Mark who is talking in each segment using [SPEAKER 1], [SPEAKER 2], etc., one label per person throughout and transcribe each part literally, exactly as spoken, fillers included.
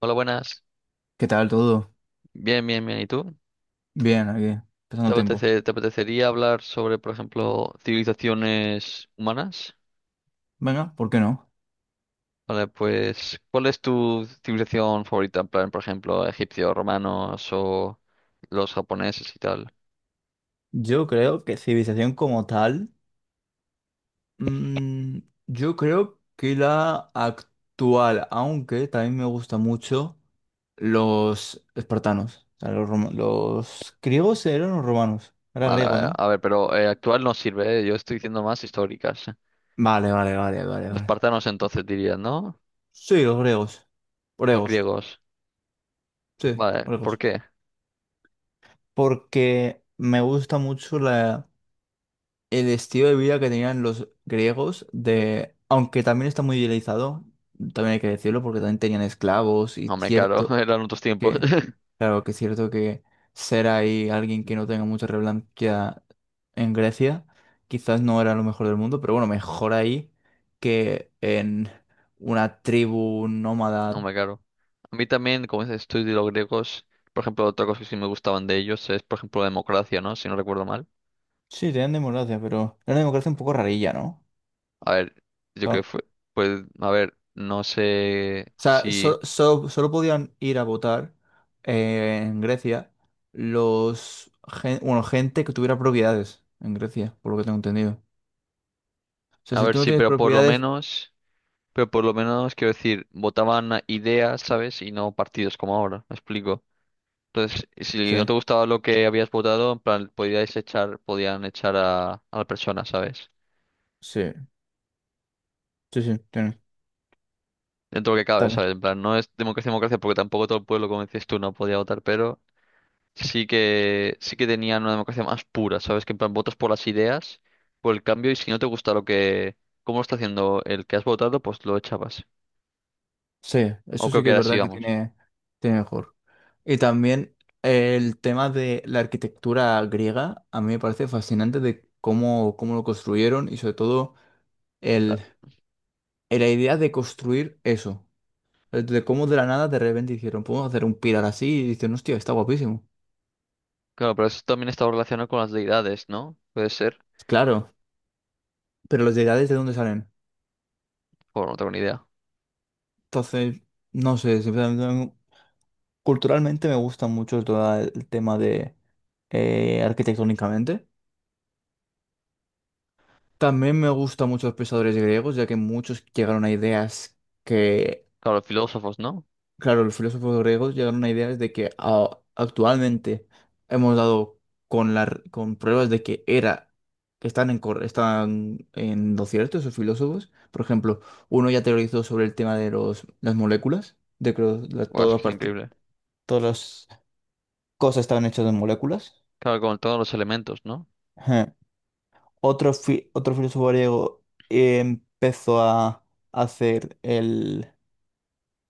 [SPEAKER 1] Hola, buenas.
[SPEAKER 2] ¿Qué tal todo?
[SPEAKER 1] Bien, bien, bien. ¿Y tú?
[SPEAKER 2] Bien, aquí, pasando
[SPEAKER 1] ¿Te
[SPEAKER 2] el tiempo.
[SPEAKER 1] apetece- ¿te apetecería hablar sobre, por ejemplo, civilizaciones humanas?
[SPEAKER 2] Venga, ¿por qué no?
[SPEAKER 1] Vale, pues, ¿cuál es tu civilización favorita? En plan, por ejemplo, ¿egipcios, romanos o los japoneses y tal?
[SPEAKER 2] Yo creo que civilización como tal, mm, yo creo que la actual, aunque también me gusta mucho los espartanos, o sea, los, roma- los griegos eran los romanos, era
[SPEAKER 1] Vale,
[SPEAKER 2] griego,
[SPEAKER 1] vale.
[SPEAKER 2] ¿no?
[SPEAKER 1] A ver, pero eh, actual no sirve, ¿eh? Yo estoy diciendo más históricas.
[SPEAKER 2] Vale, vale, vale, vale,
[SPEAKER 1] Los
[SPEAKER 2] vale.
[SPEAKER 1] espartanos entonces dirías, ¿no?
[SPEAKER 2] Sí, los griegos,
[SPEAKER 1] Los
[SPEAKER 2] griegos,
[SPEAKER 1] griegos.
[SPEAKER 2] sí,
[SPEAKER 1] Vale, ¿por
[SPEAKER 2] griegos,
[SPEAKER 1] qué?
[SPEAKER 2] porque me gusta mucho la el estilo de vida que tenían los griegos de, aunque también está muy idealizado, también hay que decirlo, porque también tenían esclavos y
[SPEAKER 1] Hombre, claro,
[SPEAKER 2] cierto
[SPEAKER 1] eran otros tiempos.
[SPEAKER 2] que, claro que es cierto que ser ahí alguien que no tenga mucha relevancia en Grecia, quizás no era lo mejor del mundo, pero bueno, mejor ahí que en una tribu
[SPEAKER 1] No
[SPEAKER 2] nómada.
[SPEAKER 1] me caro. A mí también, como dices tú, y los griegos, por ejemplo, otra cosa que sí me gustaban de ellos es, por ejemplo, la democracia, ¿no? Si no recuerdo mal.
[SPEAKER 2] Sí, tenían democracia, pero era una democracia un poco rarilla, ¿no?
[SPEAKER 1] A ver, yo creo que fue, pues, a ver, no sé
[SPEAKER 2] O sea,
[SPEAKER 1] si,
[SPEAKER 2] so- so- solo podían ir a votar eh, en Grecia los gen- bueno, gente que tuviera propiedades en Grecia, por lo que tengo entendido. O sea,
[SPEAKER 1] a
[SPEAKER 2] si
[SPEAKER 1] ver,
[SPEAKER 2] tú no
[SPEAKER 1] sí,
[SPEAKER 2] tienes
[SPEAKER 1] pero por lo
[SPEAKER 2] propiedades.
[SPEAKER 1] menos, pero por lo menos, quiero decir, votaban a ideas, ¿sabes? Y no partidos como ahora, me explico. Entonces, si
[SPEAKER 2] Sí,
[SPEAKER 1] no te gustaba lo que habías votado, en plan, podíais echar, podían echar a, a la persona, ¿sabes?
[SPEAKER 2] sí, sí, sí, tiene-
[SPEAKER 1] Dentro de lo que
[SPEAKER 2] está
[SPEAKER 1] cabe,
[SPEAKER 2] bien.
[SPEAKER 1] ¿sabes? En plan, no es democracia, democracia, porque tampoco todo el pueblo, como decías tú, no podía votar, pero sí que sí que tenían una democracia más pura, ¿sabes? Que en plan votas por las ideas, por el cambio, y si no te gusta lo que, cómo lo está haciendo el que has votado, pues lo echabas.
[SPEAKER 2] Sí,
[SPEAKER 1] O
[SPEAKER 2] eso sí
[SPEAKER 1] creo que
[SPEAKER 2] que es
[SPEAKER 1] era así,
[SPEAKER 2] verdad que
[SPEAKER 1] vamos.
[SPEAKER 2] tiene, tiene mejor. Y también el tema de la arquitectura griega, a mí me parece fascinante de cómo, cómo lo construyeron y sobre todo el,
[SPEAKER 1] Da-
[SPEAKER 2] la idea de construir eso. Eh, De cómo de la nada de repente dijeron, podemos hacer un pilar así, y dicen, hostia, está guapísimo.
[SPEAKER 1] Claro, pero eso también estaba relacionado con las deidades, ¿no? Puede ser.
[SPEAKER 2] Claro, pero los deidades de dónde salen.
[SPEAKER 1] O no tengo ni idea.
[SPEAKER 2] Entonces, no sé, simplemente, culturalmente me gusta mucho todo el tema de eh, arquitectónicamente. También me gustan mucho los pensadores griegos, ya que muchos llegaron a ideas que
[SPEAKER 1] Claro, los filósofos, ¿no?
[SPEAKER 2] claro, los filósofos griegos llegaron a ideas de que a- actualmente hemos dado con, la, r- con pruebas de que era, que están en, cor- están en lo cierto esos filósofos. Por ejemplo, uno ya teorizó sobre el tema de los, las moléculas, de que los- la-
[SPEAKER 1] Buah, es
[SPEAKER 2] toda
[SPEAKER 1] que es
[SPEAKER 2] parte-
[SPEAKER 1] increíble.
[SPEAKER 2] todas las cosas estaban hechas de moléculas.
[SPEAKER 1] Claro, con todos los elementos, ¿no?
[SPEAKER 2] Ajá. Otro, fi- otro filósofo griego eh, empezó a hacer el,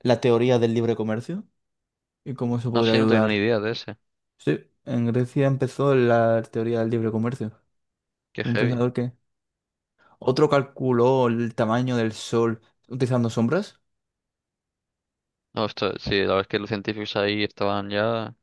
[SPEAKER 2] la teoría del libre comercio y cómo eso
[SPEAKER 1] No
[SPEAKER 2] podría
[SPEAKER 1] sé, no tenía ni
[SPEAKER 2] ayudar.
[SPEAKER 1] idea de ese.
[SPEAKER 2] Sí, en Grecia empezó la teoría del libre comercio.
[SPEAKER 1] Qué
[SPEAKER 2] Un
[SPEAKER 1] heavy.
[SPEAKER 2] pensador que... Otro calculó el tamaño del sol utilizando sombras.
[SPEAKER 1] No, esto, sí, la verdad es que los científicos ahí estaban ya.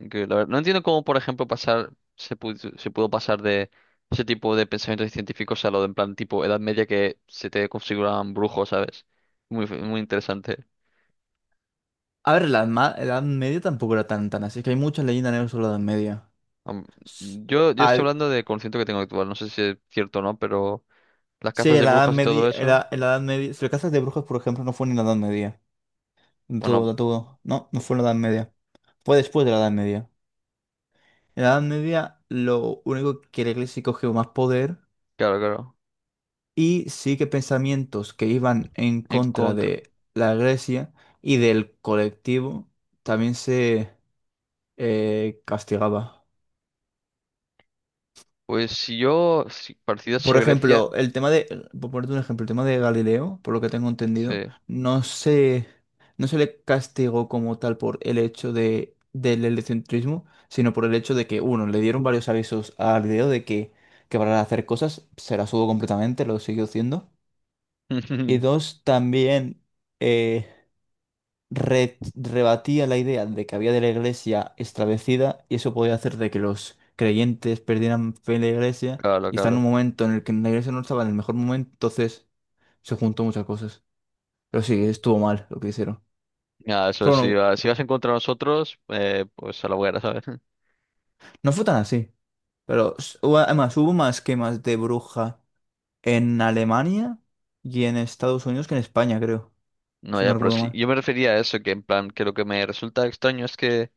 [SPEAKER 1] Increíble, la verdad. No entiendo cómo, por ejemplo, pasar, se pudo, se pudo pasar de ese tipo de pensamientos científicos a lo de en plan tipo Edad Media que se te configuraban brujos, ¿sabes? Muy, f- muy interesante.
[SPEAKER 2] A ver, la ma- la Edad Media tampoco era tan tan así. Es que hay muchas leyendas negras sobre la Edad Media.
[SPEAKER 1] Am-
[SPEAKER 2] S-
[SPEAKER 1] Yo, yo estoy
[SPEAKER 2] hay-
[SPEAKER 1] hablando de conocimiento que tengo actual, no sé si es cierto o no, pero las
[SPEAKER 2] Sí,
[SPEAKER 1] cazas
[SPEAKER 2] en
[SPEAKER 1] de
[SPEAKER 2] la Edad
[SPEAKER 1] brujas y
[SPEAKER 2] Media,
[SPEAKER 1] todo eso,
[SPEAKER 2] era, en la Edad Media, si lo cazas de brujas, por ejemplo, no fue ni en la Edad Media.
[SPEAKER 1] bueno,
[SPEAKER 2] Todo, todo. No, no fue en la Edad Media. Fue después de la Edad Media. En la Edad Media, lo único que la iglesia cogió más poder
[SPEAKER 1] claro, claro.
[SPEAKER 2] y sí que pensamientos que iban en
[SPEAKER 1] En
[SPEAKER 2] contra
[SPEAKER 1] contra.
[SPEAKER 2] de la iglesia y del colectivo también se eh, castigaba.
[SPEAKER 1] Pues si yo, si, parecido
[SPEAKER 2] Por
[SPEAKER 1] a Grecia,
[SPEAKER 2] ejemplo, el tema de, por ponerte un ejemplo, el tema de Galileo, por lo que tengo entendido,
[SPEAKER 1] sí.
[SPEAKER 2] no se, no se le castigó como tal por el hecho de, del heliocentrismo, sino por el hecho de que, uno, le dieron varios avisos a Galileo de que, que para hacer cosas se las hubo completamente, lo siguió haciendo. Y dos, también eh, re- rebatía la idea de que había de la iglesia establecida y eso podía hacer de que los creyentes perdieran fe en la iglesia
[SPEAKER 1] Claro,
[SPEAKER 2] y está en un
[SPEAKER 1] claro.
[SPEAKER 2] momento en el que la iglesia no estaba en el mejor momento, entonces se juntó muchas cosas. Pero sí, estuvo mal lo que hicieron.
[SPEAKER 1] Ya eso,
[SPEAKER 2] Pero
[SPEAKER 1] si,
[SPEAKER 2] no,
[SPEAKER 1] va- si vas en contra de nosotros, eh, pues a la hoguera, ¿sabes?
[SPEAKER 2] no fue tan así. Pero s- hubo- además hubo más quemas de bruja en Alemania y en Estados Unidos que en España, creo,
[SPEAKER 1] No,
[SPEAKER 2] si no
[SPEAKER 1] ya, pero
[SPEAKER 2] recuerdo
[SPEAKER 1] sí.
[SPEAKER 2] mal.
[SPEAKER 1] Yo me refería a eso, que en plan, que lo que me resulta extraño es que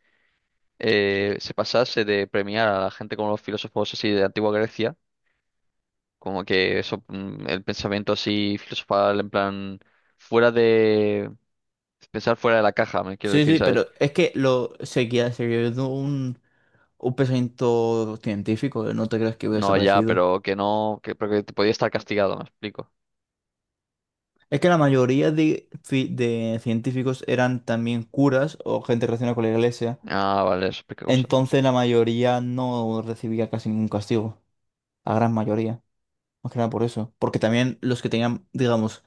[SPEAKER 1] eh, se pasase de premiar a la gente como los filósofos así de antigua Grecia, como que eso, mm, el pensamiento así filosofal, en plan, fuera de pensar fuera de la caja, me quiero
[SPEAKER 2] Sí,
[SPEAKER 1] decir,
[SPEAKER 2] sí,
[SPEAKER 1] ¿sabes?
[SPEAKER 2] pero es que lo seguía, seguía siendo un, un pensamiento científico, ¿eh? No te creas que hubiera
[SPEAKER 1] No, ya,
[SPEAKER 2] desaparecido.
[SPEAKER 1] pero que no, que, pero que te podía estar castigado, me explico.
[SPEAKER 2] Es que la mayoría de, ci- de científicos eran también curas o gente relacionada con la iglesia,
[SPEAKER 1] Ah, vale, eso explica cosas.
[SPEAKER 2] entonces la mayoría no recibía casi ningún castigo, la gran mayoría, más que nada por eso, porque también los que tenían, digamos,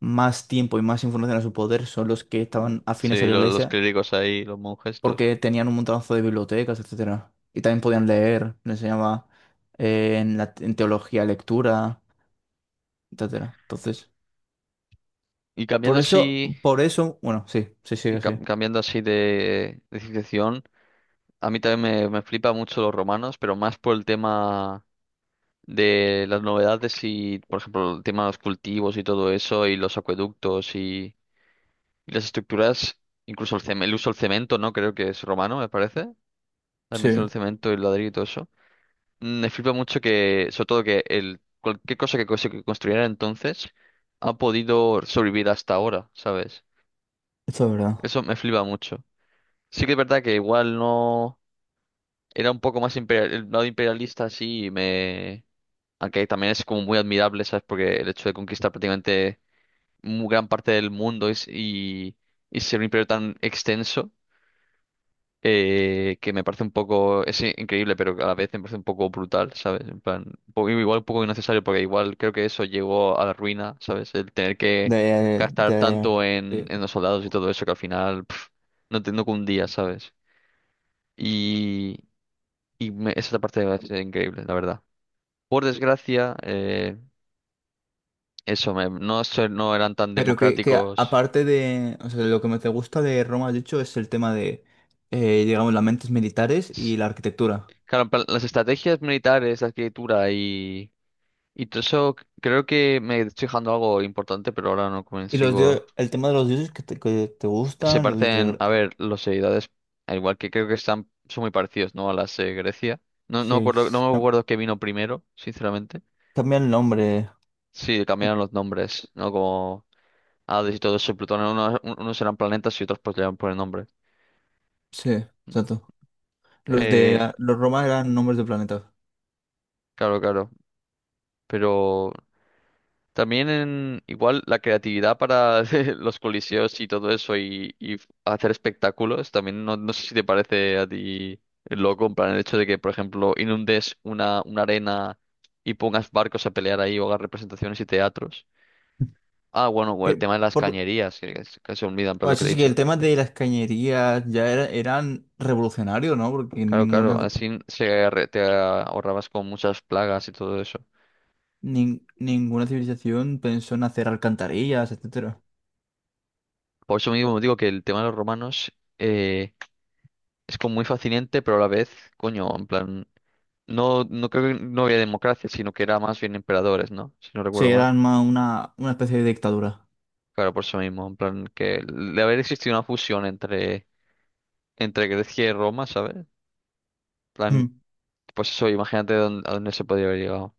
[SPEAKER 2] más tiempo y más información a su poder son los que estaban afines a
[SPEAKER 1] Sí,
[SPEAKER 2] la
[SPEAKER 1] lo- los
[SPEAKER 2] iglesia
[SPEAKER 1] clérigos ahí, los monjes, estos.
[SPEAKER 2] porque tenían un montonazo de bibliotecas, etcétera. Y también podían leer, les enseñaba eh, en la, en teología lectura, etcétera. Entonces,
[SPEAKER 1] Y cambiando
[SPEAKER 2] por eso,
[SPEAKER 1] así,
[SPEAKER 2] por eso, bueno, sí, sí,
[SPEAKER 1] y
[SPEAKER 2] sí, sí.
[SPEAKER 1] cam- cambiando así de, de civilización. A mí también me, me flipa mucho los romanos, pero más por el tema de las novedades y, por ejemplo, el tema de los cultivos y todo eso, y los acueductos y, y las estructuras, incluso el, cem- el uso del cemento, ¿no? Creo que es romano, me parece. La mención
[SPEAKER 2] Sí,
[SPEAKER 1] del cemento y el ladrillo y todo eso. Mm, Me flipa mucho que, sobre todo que el, cualquier cosa que, cose- que construyeran entonces ha podido sobrevivir hasta ahora, ¿sabes?
[SPEAKER 2] esto es verdad.
[SPEAKER 1] Eso me flipa mucho. Sí que es verdad que igual no. Era un poco más imperial, el lado imperialista, sí, me. Aunque también es como muy admirable, ¿sabes? Porque el hecho de conquistar prácticamente muy gran parte del mundo y, s- y, y ser un imperio tan extenso, eh, que me parece un poco, es i- increíble, pero que a la vez me parece un poco brutal, ¿sabes? En plan, un poco- igual un poco innecesario, porque igual creo que eso llegó a la ruina, ¿sabes? El tener que
[SPEAKER 2] De,
[SPEAKER 1] gastar
[SPEAKER 2] de,
[SPEAKER 1] tanto en,
[SPEAKER 2] sí.
[SPEAKER 1] en los soldados y todo eso, que al final pf, no, te- no cundía, ¿sabes? Y, y me- esa parte es increíble, la verdad. Por desgracia, eh, eso, me- no, so- no eran tan
[SPEAKER 2] Pero que, que a-
[SPEAKER 1] democráticos.
[SPEAKER 2] aparte de, o sea, lo que me te gusta de Roma, has dicho, es el tema de, eh, digamos, las mentes militares
[SPEAKER 1] S-
[SPEAKER 2] y la arquitectura.
[SPEAKER 1] Claro, en plan, las estrategias militares, la arquitectura y, y todo eso, c- creo que me estoy dejando algo importante, pero ahora no
[SPEAKER 2] Y los dios,
[SPEAKER 1] consigo.
[SPEAKER 2] el tema de los dioses que te, que te
[SPEAKER 1] Se
[SPEAKER 2] gustan, los
[SPEAKER 1] parecen,
[SPEAKER 2] dioses...
[SPEAKER 1] a ver, los seguidores, al igual que creo que están, son muy parecidos, ¿no? A las de Grecia. No, no
[SPEAKER 2] Sí,
[SPEAKER 1] acuerdo,
[SPEAKER 2] es-
[SPEAKER 1] no me
[SPEAKER 2] cam-
[SPEAKER 1] acuerdo qué vino primero, sinceramente.
[SPEAKER 2] cambia el nombre.
[SPEAKER 1] Sí, cambiaron los nombres, ¿no? Como Hades y todo eso, Plutón, unos, unos eran planetas y otros pues le iban por el nombre.
[SPEAKER 2] Sí, exacto. Los de
[SPEAKER 1] Eh,
[SPEAKER 2] ah, los romanos eran nombres de planetas.
[SPEAKER 1] claro, claro. Pero también en, igual la creatividad para los coliseos y todo eso y, y hacer espectáculos, también no, no sé si te parece a ti loco, en plan el hecho de que, por ejemplo, inundes una, una arena y pongas barcos a pelear ahí o hagas representaciones y teatros. Ah, bueno, o el
[SPEAKER 2] Que
[SPEAKER 1] tema de las
[SPEAKER 2] por
[SPEAKER 1] cañerías, que, que se que se olvidan, pero
[SPEAKER 2] bueno,
[SPEAKER 1] lo que
[SPEAKER 2] eso
[SPEAKER 1] te he
[SPEAKER 2] sí que el
[SPEAKER 1] dicho.
[SPEAKER 2] tema de las cañerías ya era, eran revolucionarios, ¿no? Porque
[SPEAKER 1] Claro, claro,
[SPEAKER 2] ninguna
[SPEAKER 1] así se, re- te ahorrabas con muchas plagas y todo eso.
[SPEAKER 2] nin- ninguna civilización pensó en hacer alcantarillas, etcétera.
[SPEAKER 1] Por eso mismo digo que el tema de los romanos eh, es como muy fascinante, pero a la vez, coño, en plan. No, no creo que no había democracia, sino que era más bien emperadores, ¿no? Si no
[SPEAKER 2] Sí,
[SPEAKER 1] recuerdo mal.
[SPEAKER 2] eran más una, una especie de dictadura.
[SPEAKER 1] Claro, por eso mismo, en plan que de haber existido una fusión entre, entre Grecia y Roma, ¿sabes? En plan,
[SPEAKER 2] Mm.
[SPEAKER 1] pues eso, imagínate dónde- a dónde se podía haber llegado.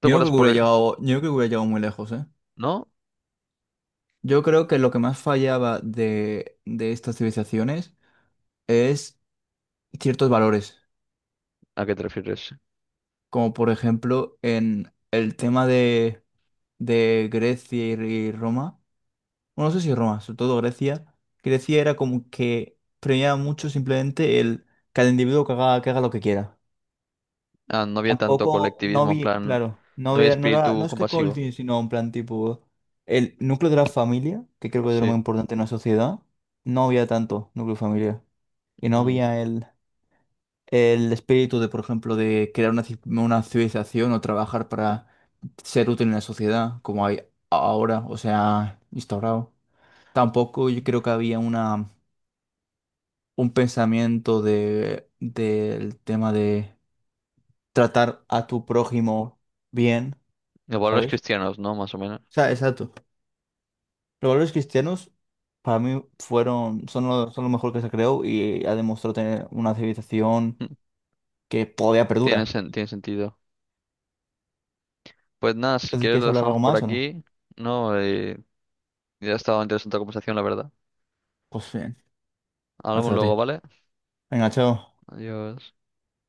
[SPEAKER 1] ¿Te
[SPEAKER 2] Yo no creo
[SPEAKER 1] acuerdas
[SPEAKER 2] que
[SPEAKER 1] por
[SPEAKER 2] hubiera
[SPEAKER 1] el-
[SPEAKER 2] llegado, yo no creo que hubiera llegado muy lejos, ¿eh?
[SPEAKER 1] ¿No?
[SPEAKER 2] Yo creo que lo que más fallaba de, de estas civilizaciones es ciertos valores.
[SPEAKER 1] ¿A qué te refieres?
[SPEAKER 2] Como por ejemplo en el tema de, de Grecia y, y Roma. Bueno, no sé si Roma, sobre todo Grecia. Grecia era como que premiaba mucho simplemente el que el individuo que haga, que haga lo que quiera.
[SPEAKER 1] Ah, no había tanto
[SPEAKER 2] Tampoco, no
[SPEAKER 1] colectivismo, en
[SPEAKER 2] vi,
[SPEAKER 1] plan,
[SPEAKER 2] claro, no
[SPEAKER 1] no había
[SPEAKER 2] había, no era, no
[SPEAKER 1] espíritu
[SPEAKER 2] es que
[SPEAKER 1] compasivo.
[SPEAKER 2] Colting, sino en plan tipo el núcleo de la familia, que creo que es lo
[SPEAKER 1] Sí.
[SPEAKER 2] más importante en una sociedad, no había tanto núcleo familiar. Y no
[SPEAKER 1] Mm,
[SPEAKER 2] había el el espíritu de, por ejemplo, de crear una, ci- una civilización o trabajar para ser útil en la sociedad, como hay ahora, o sea, instaurado. Tampoco yo creo que había una, un pensamiento de, del tema de tratar a tu prójimo bien,
[SPEAKER 1] los valores
[SPEAKER 2] ¿sabes?
[SPEAKER 1] cristianos, ¿no? Más o menos.
[SPEAKER 2] O sea, exacto. Los valores cristianos para mí fueron, son lo, son lo mejor que se creó y ha demostrado tener una civilización
[SPEAKER 1] Mm,
[SPEAKER 2] que todavía
[SPEAKER 1] tiene,
[SPEAKER 2] perdura.
[SPEAKER 1] sen- tiene sentido. Pues nada, si
[SPEAKER 2] Entonces,
[SPEAKER 1] quieres lo
[SPEAKER 2] ¿quieres hablar
[SPEAKER 1] dejamos
[SPEAKER 2] algo
[SPEAKER 1] por
[SPEAKER 2] más o no?
[SPEAKER 1] aquí, ¿no? Eh, ya ha estado interesante la conversación, la verdad.
[SPEAKER 2] Pues bien,
[SPEAKER 1] Hablamos
[SPEAKER 2] hacia ti.
[SPEAKER 1] luego, ¿vale?
[SPEAKER 2] Venga, chao.
[SPEAKER 1] Adiós.